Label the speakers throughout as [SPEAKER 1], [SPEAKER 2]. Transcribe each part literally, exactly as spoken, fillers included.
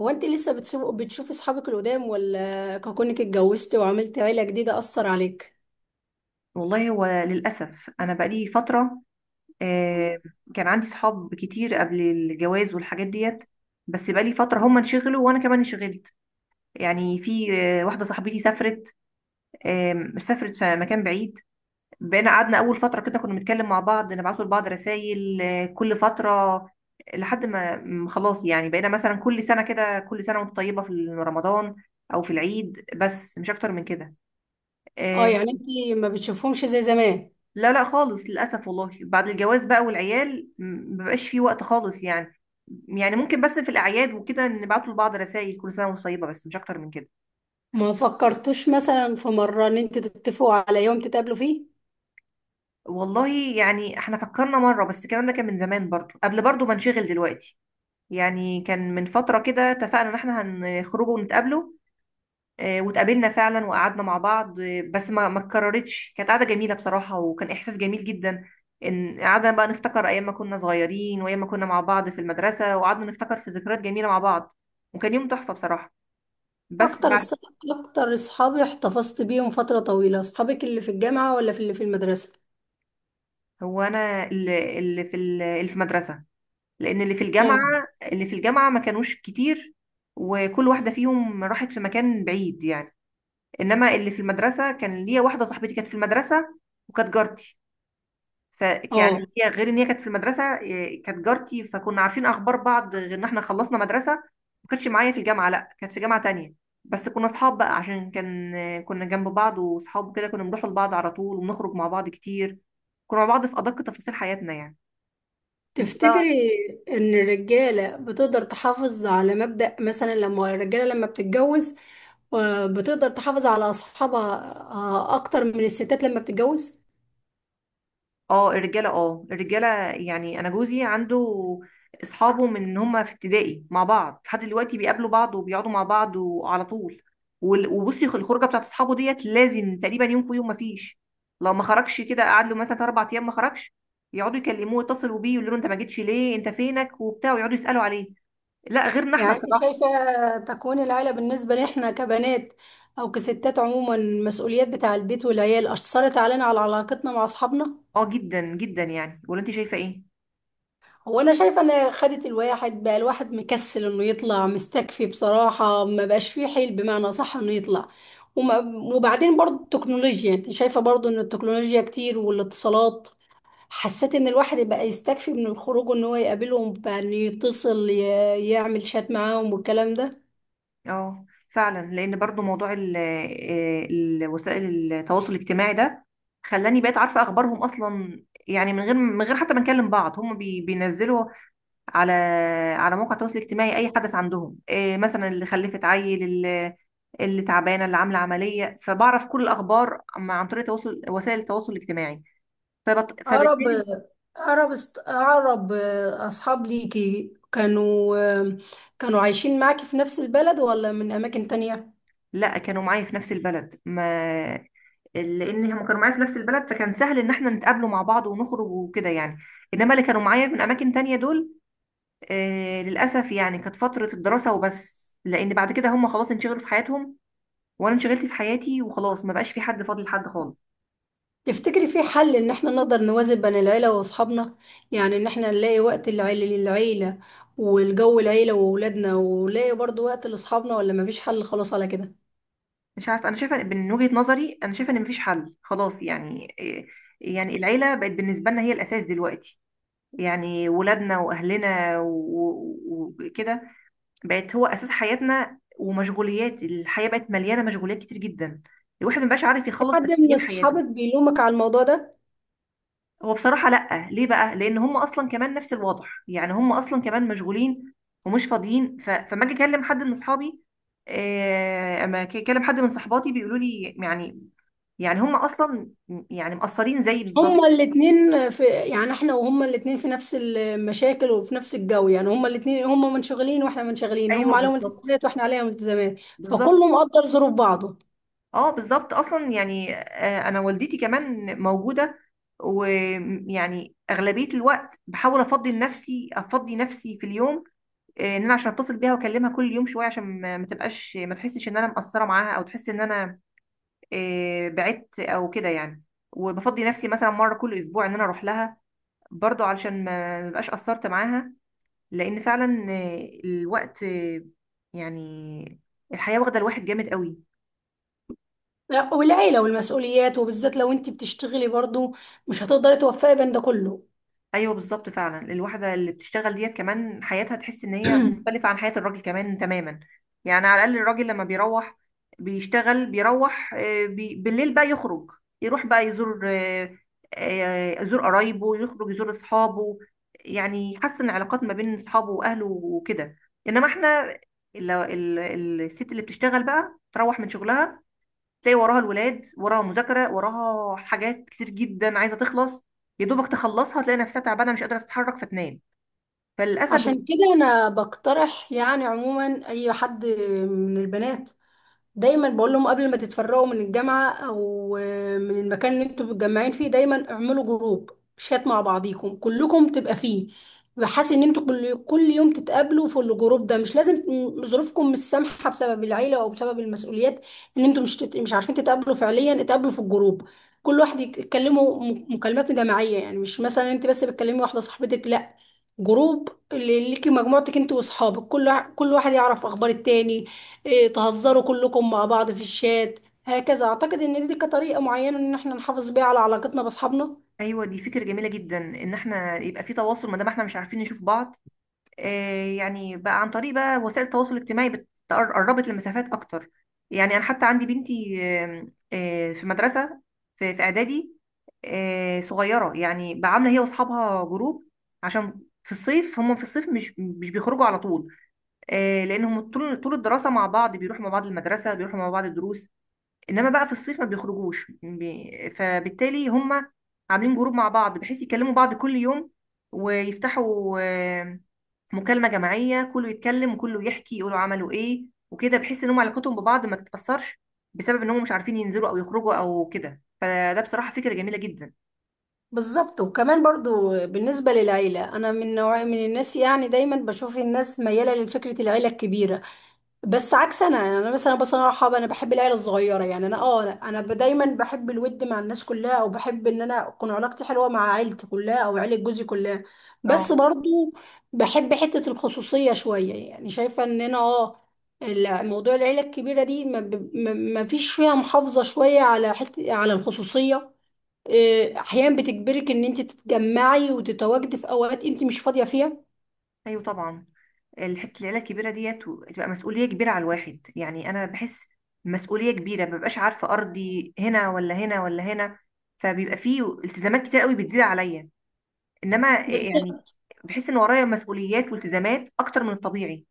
[SPEAKER 1] هو انت لسه بتسيب- بتشوفي اصحابك القدام ولا كونك اتجوزتي وعملتي عيلة جديدة اثر عليك؟
[SPEAKER 2] والله هو للأسف أنا بقالي فترة. آه، كان عندي صحاب كتير قبل الجواز والحاجات ديت، بس بقالي فترة هم انشغلوا وأنا كمان انشغلت. يعني في آه، واحدة صاحبتي سافرت، آم، سافرت في مكان بعيد. بقينا قعدنا أول فترة كده كنا بنتكلم مع بعض، نبعتوا لبعض رسائل آه، كل فترة، لحد ما م- خلاص، يعني بقينا مثلا كل سنة كده، كل سنة وانت طيبة في رمضان أو في العيد، بس مش أكتر من كده.
[SPEAKER 1] اه،
[SPEAKER 2] آه،
[SPEAKER 1] يعني انت ما بتشوفهمش زي زمان.
[SPEAKER 2] لا لا خالص للأسف. والله بعد الجواز بقى والعيال م- مبقاش فيه وقت خالص يعني. يعني ممكن بس في الأعياد وكده نبعتوا لبعض رسائل كل سنة وانتم طيبة، بس مش أكتر من كده.
[SPEAKER 1] ما فكرتوش مثلا في مرة ان انت تتفقوا على يوم تتقابلوا فيه؟
[SPEAKER 2] والله يعني احنا فكرنا مرة، بس الكلام ده كان من زمان برضو، قبل برضو ما نشغل دلوقتي. يعني كان من فترة كده اتفقنا إن احنا هنخرجوا ونتقابلوا، آه، واتقابلنا فعلا وقعدنا مع بعض، آه، بس ما ما اتكررتش. كانت قعده جميله بصراحه، وكان احساس جميل جدا ان قعدنا بقى نفتكر ايام ما كنا صغيرين وايام ما كنا مع بعض في المدرسه، وقعدنا نفتكر في ذكريات جميله مع بعض، وكان يوم تحفه بصراحه. بس
[SPEAKER 1] اكتر
[SPEAKER 2] بعد
[SPEAKER 1] اص- اكتر اصحابي احتفظت بيهم فترة طويلة، اصحابك اللي في الجامعة ولا في اللي في المدرسة؟
[SPEAKER 2] هو انا اللي اللي في ال- اللي في مدرسه، لان اللي في الجامعه
[SPEAKER 1] اه،
[SPEAKER 2] اللي في الجامعه ما كانوش كتير، وكل واحده فيهم راحت في مكان بعيد يعني. انما اللي في المدرسه كان ليا واحده صاحبتي كانت في المدرسه وكانت جارتي، ف يعني
[SPEAKER 1] اه.
[SPEAKER 2] هي غير ان هي كانت في المدرسه، إيه، كانت جارتي، فكنا عارفين اخبار بعض غير ان احنا خلصنا مدرسه. ما كانتش معايا في الجامعه، لا كانت في جامعه تانية. بس كنا اصحاب بقى عشان كان آه، كنا جنب بعض، واصحاب كده كنا بنروح لبعض على طول، وبنخرج مع بعض كتير، كنا مع بعض في ادق تفاصيل حياتنا يعني. انت بقى؟
[SPEAKER 1] تفتكري ان الرجالة بتقدر تحافظ على مبدأ، مثلا لما الرجالة لما بتتجوز آه، بتقدر تحافظ على اصحابها آه، اكتر من الستات لما بتتجوز؟
[SPEAKER 2] اه الرجاله، اه الرجاله يعني انا جوزي عنده اصحابه من ان هم في ابتدائي مع بعض لحد دلوقتي، بيقابلوا بعض وبيقعدوا مع بعض وعلى طول. وال- وبصي الخروجه بتاعت اصحابه ديت لازم تقريبا يوم في يوم، ما فيش. لو ما خرجش كده قعد له مثلا اربع ايام ما خرجش، يقعدوا يكلموه، يتصلوا بيه، يقولوا له انت ما جيتش ليه، انت فينك وبتاع، ويقعدوا يسالوا عليه. لا غيرنا احنا
[SPEAKER 1] يعني انت
[SPEAKER 2] بصراحه.
[SPEAKER 1] شايفة تكوين العيلة بالنسبة لإحنا كبنات او كستات عموما، المسؤوليات بتاع البيت والعيال اثرت علينا على علاقتنا مع اصحابنا؟
[SPEAKER 2] اه جدا جدا، يعني ولا انت شايفه ايه؟
[SPEAKER 1] هو انا شايفه ان خدت الواحد بقى، الواحد مكسل انه يطلع، مستكفي بصراحه، ما بقاش فيه حيل بمعنى صح انه يطلع. وما وبعدين برضو التكنولوجيا، انت شايفه برضو ان التكنولوجيا كتير والاتصالات، حسيت ان الواحد بقى يستكفي من الخروج، ان هو يقابلهم بقى انه يتصل، ي- يعمل شات معاهم والكلام ده.
[SPEAKER 2] اه فعلا، لان برضو موضوع ال آه، ال- وسائل التواصل الاجتماعي ده خلاني بقيت عارفه اخبارهم اصلا، يعني من غير من غير حتى ما نكلم بعض. هم بي بينزلوا على على موقع التواصل الاجتماعي اي حدث عندهم، إيه مثلا اللي خلفت عيل، اللي, اللي تعبانه، اللي عامله عمليه، فبعرف كل الاخبار عم- عن طريق تواصل وسائل التواصل الاجتماعي. فبت
[SPEAKER 1] اقرب
[SPEAKER 2] فبالتالي.
[SPEAKER 1] اقرب است- اقرب اصحاب ليكي كانوا كانوا عايشين معاكي في نفس البلد ولا من اماكن تانية؟
[SPEAKER 2] لا كانوا معايا في نفس البلد، ما لان هم كانوا معايا في نفس البلد، فكان سهل ان احنا نتقابلوا مع بعض ونخرج وكده يعني. انما اللي كانوا معايا من اماكن تانية دول آه للاسف، يعني كانت فترة الدراسة وبس، لان بعد كده هم خلاص انشغلوا في حياتهم وانا انشغلت في حياتي، وخلاص ما بقاش في حد فاضل لحد خالص.
[SPEAKER 1] تفتكري في حل ان احنا نقدر نوازن بين العيلة واصحابنا؟ يعني ان احنا نلاقي وقت العيلة للعيلة والجو العيلة وولادنا، ونلاقي برضو وقت لاصحابنا، ولا مفيش حل خلاص على كده؟
[SPEAKER 2] مش عارفه، انا شايفه من وجهة نظري، انا شايفه ان مفيش حل خلاص يعني. آه، يعني العيلة بقت بالنسبة لنا هي الاساس دلوقتي، يعني ولادنا واهلنا و- و- وكده بقت هو اساس حياتنا، ومشغوليات الحياه بقت مليانه مشغوليات كتير جدا، الواحد مبقاش عارف
[SPEAKER 1] في
[SPEAKER 2] يخلص
[SPEAKER 1] حد من
[SPEAKER 2] اساسيات حياته.
[SPEAKER 1] اصحابك بيلومك على الموضوع ده؟
[SPEAKER 2] هو بصراحه لا، ليه بقى؟ لان هم اصلا كمان نفس الوضع، يعني هم اصلا كمان مشغولين ومش فاضيين، ف... فما اجي اكلم حد من اصحابي، آه، اما أجي اكلم حد من صحباتي بيقولوا لي يعني، يعني هم اصلا يعني مقصرين زيي بالظبط.
[SPEAKER 1] هما الاتنين، في يعني احنا وهما الاتنين في نفس المشاكل وفي نفس الجو، يعني هما الاتنين، هما منشغلين واحنا منشغلين،
[SPEAKER 2] ايوه
[SPEAKER 1] هما عليهم
[SPEAKER 2] بالظبط،
[SPEAKER 1] التزامات واحنا عليهم التزامات،
[SPEAKER 2] بالظبط،
[SPEAKER 1] فكله مقدر ظروف بعضه.
[SPEAKER 2] اه بالظبط اصلا يعني. آه، انا والدتي كمان موجوده، ويعني اغلبيه الوقت بحاول افضي نفسي افضي نفسي في اليوم، آه، ان انا عشان اتصل بيها واكلمها كل يوم شويه عشان ما ما تبقاش ما تحسش ان انا مقصره معاها، او تحس ان انا آه، بعدت او كده يعني. وبفضي نفسي مثلا مره كل اسبوع ان انا اروح لها، برضو علشان ما ما بقاش قصرت معاها، لان فعلا آه، الوقت آه، يعني الحياه واخده الواحد جامد قوي.
[SPEAKER 1] والعيلة والمسؤوليات، وبالذات لو انت بتشتغلي برضو، مش هتقدري توفقي بين ده كله.
[SPEAKER 2] ايوه بالظبط فعلا، الواحده اللي بتشتغل ديت كمان حياتها تحس ان هي مختلفه عن حياه الراجل كمان تماما. يعني على الاقل الراجل لما بيروح بيشتغل، بيروح آه، بي... بالليل بقى يخرج، يروح بقى يزور آه، آه، يزور قرايبه، يخرج يزور اصحابه، يعني يحسن علاقات ما بين اصحابه واهله وكده. انما احنا ال... ال... الست اللي بتشتغل بقى تروح من شغلها تلاقي وراها الولاد، وراها مذاكرة، وراها حاجات كتير جدا عايزة تخلص، يا دوبك تخلصها تلاقي نفسها تعبانة مش قادرة تتحرك فتنام، فللأسف.
[SPEAKER 1] عشان كده انا بقترح يعني عموما، اي حد من البنات دايما بقول لهم قبل ما تتفرقوا من الجامعة او آه، من المكان اللي انتوا متجمعين فيه، دايما اعملوا جروب شات مع بعضيكم كلكم تبقى فيه، بحيث ان انتوا كل كل يوم تتقابلوا في الجروب ده. مش لازم، م- ظروفكم مش سامحة بسبب العيلة او بسبب المسؤوليات، ان انتوا مش تت... مش عارفين تتقابلوا فعليا، اتقابلوا في الجروب. كل واحد يك- يتكلموا م- مكالمات جماعية، يعني مش مثلا انت بس بتكلمي واحدة صاحبتك، لا، جروب اللي ليكي مجموعتك انت واصحابك، كل وا- كل واحد يعرف اخبار التاني، إيه، تهزروا كلكم مع بعض في الشات. هكذا اعتقد ان دي كطريقه معينه ان احنا نحافظ بيها على علاقتنا باصحابنا.
[SPEAKER 2] أيوة دي فكرة جميلة جدا، إن احنا يبقى في تواصل ما دام احنا مش عارفين نشوف بعض. آه يعني بقى عن طريق بقى وسائل التواصل الاجتماعي بت- قربت المسافات أكتر. يعني أنا حتى عندي بنتي آم، آه، في مدرسة، في في إعدادي، آه، صغيرة. يعني بقى عاملة هي وأصحابها جروب، عشان في الصيف، هم في الصيف مش مش بيخرجوا على طول، آه، لانهم طول طول الدراسه مع بعض، بيروحوا مع بعض المدرسه، بيروحوا مع بعض الدروس، انما بقى في الصيف ما بيخرجوش، بي- فبالتالي هم عاملين جروب مع بعض بحيث يكلموا بعض كل يوم، ويفتحوا آه، مكالمه جماعيه، كله يتكلم وكله يحكي يقولوا عملوا ايه وكده، بحيث ان هم علاقتهم ببعض ما تتاثرش بسبب ان هم مش عارفين ينزلوا او يخرجوا او كده، فده بصراحه فكره جميله جدا.
[SPEAKER 1] بالظبط. وكمان برضو بالنسبه للعيله، انا من نوع من الناس يعني دايما بشوف الناس مياله لفكره العيله الكبيره، بس عكس انا. يعني انا مثلا بصراحه انا بحب العيله الصغيره. يعني انا، اه لا، انا ب- دايما بحب الود مع الناس كلها، او بحب ان انا اكون علاقتي حلوه مع عيلتي كلها او عيله جوزي كلها. بس
[SPEAKER 2] اه.
[SPEAKER 1] برضو بحب حته الخصوصيه شويه، يعني شايفه ان انا، اه ال- موضوع العيله الكبيره دي، ما, ب- ما ما فيش فيها محافظه شويه على حته على الخصوصيه. إيه، احيانا بتجبرك ان انت تتجمعي وتتواجدي في اوقات انت مش فاضيه فيها.
[SPEAKER 2] ايوه طبعا. الحته العيله الكبيره ديت و- تبقى مسؤوليه كبيره على الواحد، يعني انا بحس مسؤوليه كبيره، مببقاش عارفه ارضي هنا ولا هنا ولا هنا، فبيبقى فيه التزامات كتير قوي بتزيد عليا، انما يعني
[SPEAKER 1] بالظبط.
[SPEAKER 2] بحس ان ورايا مسؤوليات والتزامات اكتر من الطبيعي.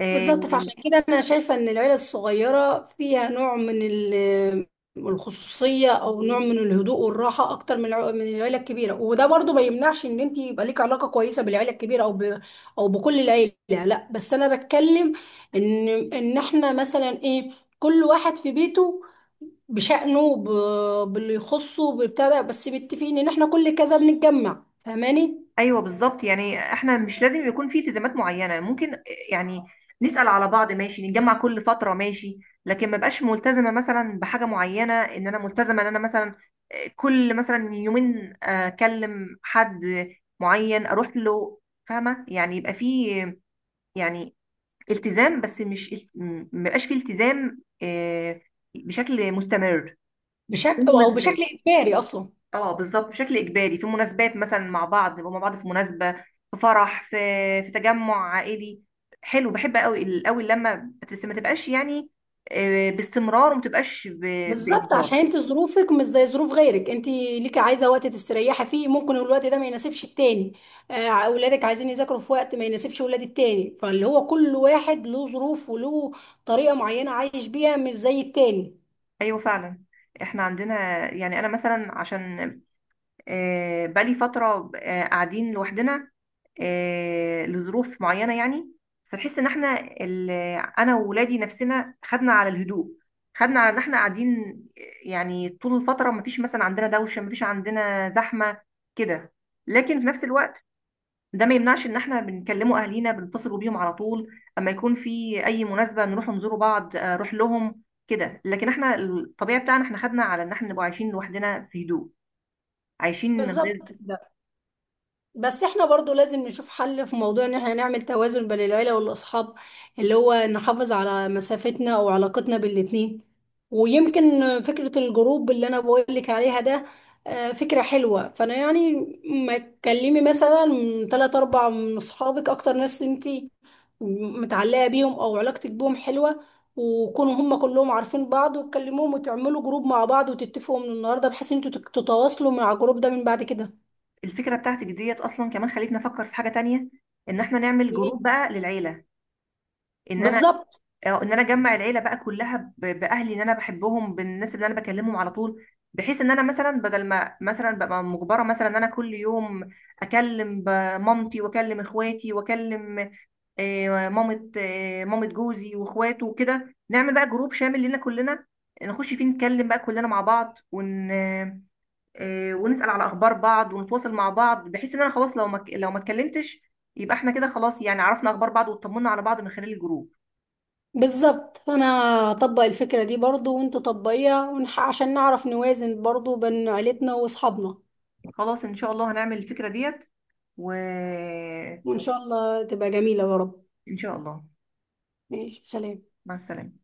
[SPEAKER 2] آه،
[SPEAKER 1] بالظبط. فعشان كده انا شايفه ان العيله الصغيره فيها نوع من ال- الخصوصيه، او نوع من الهدوء والراحه اكتر من الع- من العيله الكبيره. وده برضو ما يمنعش ان انت يبقى ليك علاقه كويسه بالعيله الكبيره، او ب... او بكل العيله. لا، بس انا بتكلم ان ان احنا مثلا ايه، كل واحد في بيته بشأنه ب... باللي يخصه بتاع ده، بس متفقين ان احنا كل كذا بنتجمع، فاهماني؟
[SPEAKER 2] ايوه بالظبط، يعني احنا مش لازم يكون في التزامات معينه، ممكن يعني نسال على بعض ماشي، نتجمع كل فتره ماشي، لكن ما بقاش ملتزمه مثلا بحاجه معينه، ان انا ملتزمه ان انا مثلا آه، كل مثلا يومين آه، اكلم حد معين اروح له، فاهمه يعني؟ يبقى في يعني التزام، بس مش، ما بقاش في التزام آه، بشكل مستمر، في
[SPEAKER 1] بشكل او بشكل
[SPEAKER 2] المناسبات.
[SPEAKER 1] اجباري اصلا.
[SPEAKER 2] اه بالظبط، بشكل اجباري في مناسبات مثلا مع بعض، نبقى مع بعض في مناسبه، في فرح، في في تجمع عائلي، حلو بحب قوي قوي لما، بس ما تبقاش يعني آه، باستمرار، وما تبقاش ب-
[SPEAKER 1] بالظبط،
[SPEAKER 2] باجبار.
[SPEAKER 1] عشان انت ظروفك مش زي ظروف غيرك، انت ليكي عايزه وقت تستريحي فيه، ممكن الوقت ده ما يناسبش التاني. آه، اولادك عايزين يذاكروا في وقت ما يناسبش ولاد التاني، فاللي هو كل واحد له ظروف وله طريقه معينه عايش بيها مش زي التاني.
[SPEAKER 2] ايوه فعلا احنا عندنا، يعني انا مثلا عشان آه، بقالي فترة آه، قاعدين لوحدنا آه، لظروف معينة يعني، فتحس ان احنا ال- انا وولادي نفسنا خدنا على الهدوء، خدنا على ان احنا قاعدين، يعني طول الفترة مفيش مثلا عندنا دوشة، مفيش عندنا زحمة كده. لكن في نفس الوقت ده ما يمنعش ان احنا بنكلموا اهالينا، بنتصلوا بيهم على طول، اما يكون في اي مناسبة نروح نزوروا بعض، آه، نروح لهم كده. لكن احنا الطبيعي بتاعنا، احنا خدنا على ان احنا نبقى عايشين لوحدنا في هدوء، عايشين من غير.
[SPEAKER 1] بالظبط. بس احنا برضو لازم نشوف حل في موضوع ان احنا نعمل توازن بين العيلة والاصحاب، اللي هو نحافظ على مسافتنا او علاقتنا بالاتنين. ويمكن فكرة الجروب اللي انا بقولك عليها ده آه، فكرة حلوة. فانا يعني ما تكلمي مثلا تلات اربع من اصحابك اكتر ناس انتي متعلقة بيهم او علاقتك بيهم حلوة، وكونوا هم كلهم عارفين بعض، وتكلموهم وتعملوا جروب مع بعض، وتتفقوا من النهارده بحيث ان انتوا تتواصلوا مع الجروب ده من بعد كده.
[SPEAKER 2] الفكره بتاعتك ديت اصلا كمان خلتني افكر في حاجه تانية، ان احنا نعمل
[SPEAKER 1] ليه؟
[SPEAKER 2] جروب بقى للعيله، ان انا
[SPEAKER 1] بالظبط.
[SPEAKER 2] آه، ان انا اجمع العيله بقى كلها، ب- باهلي اللي انا بحبهم، بالناس اللي انا بكلمهم على طول، بحيث ان انا مثلا بدل ما مثلا ببقى مجبره مثلا ان انا كل يوم اكلم ب- مامتي، واكلم اخواتي، واكلم آه، مامه آه، مامه جوزي واخواته وكده، نعمل بقى جروب شامل لنا كلنا، نخش فيه نتكلم بقى كلنا مع بعض، ون آه، ونسأل على اخبار بعض ونتواصل مع بعض، بحيث ان انا خلاص لو ما ك- لو ما اتكلمتش، يبقى احنا كده خلاص، يعني عرفنا اخبار بعض، واطمنا على بعض من خلال الجروب.
[SPEAKER 1] بالظبط. فانا اطبق الفكرة دي برضو وانت طبقيها، ونح... عشان نعرف نوازن برضو بين عيلتنا واصحابنا.
[SPEAKER 2] خلاص ان شاء الله هنعمل الفكرة ديت، وان
[SPEAKER 1] وان شاء الله تبقى جميلة يا رب.
[SPEAKER 2] شاء الله.
[SPEAKER 1] ماشي، سلام.
[SPEAKER 2] مع السلامة.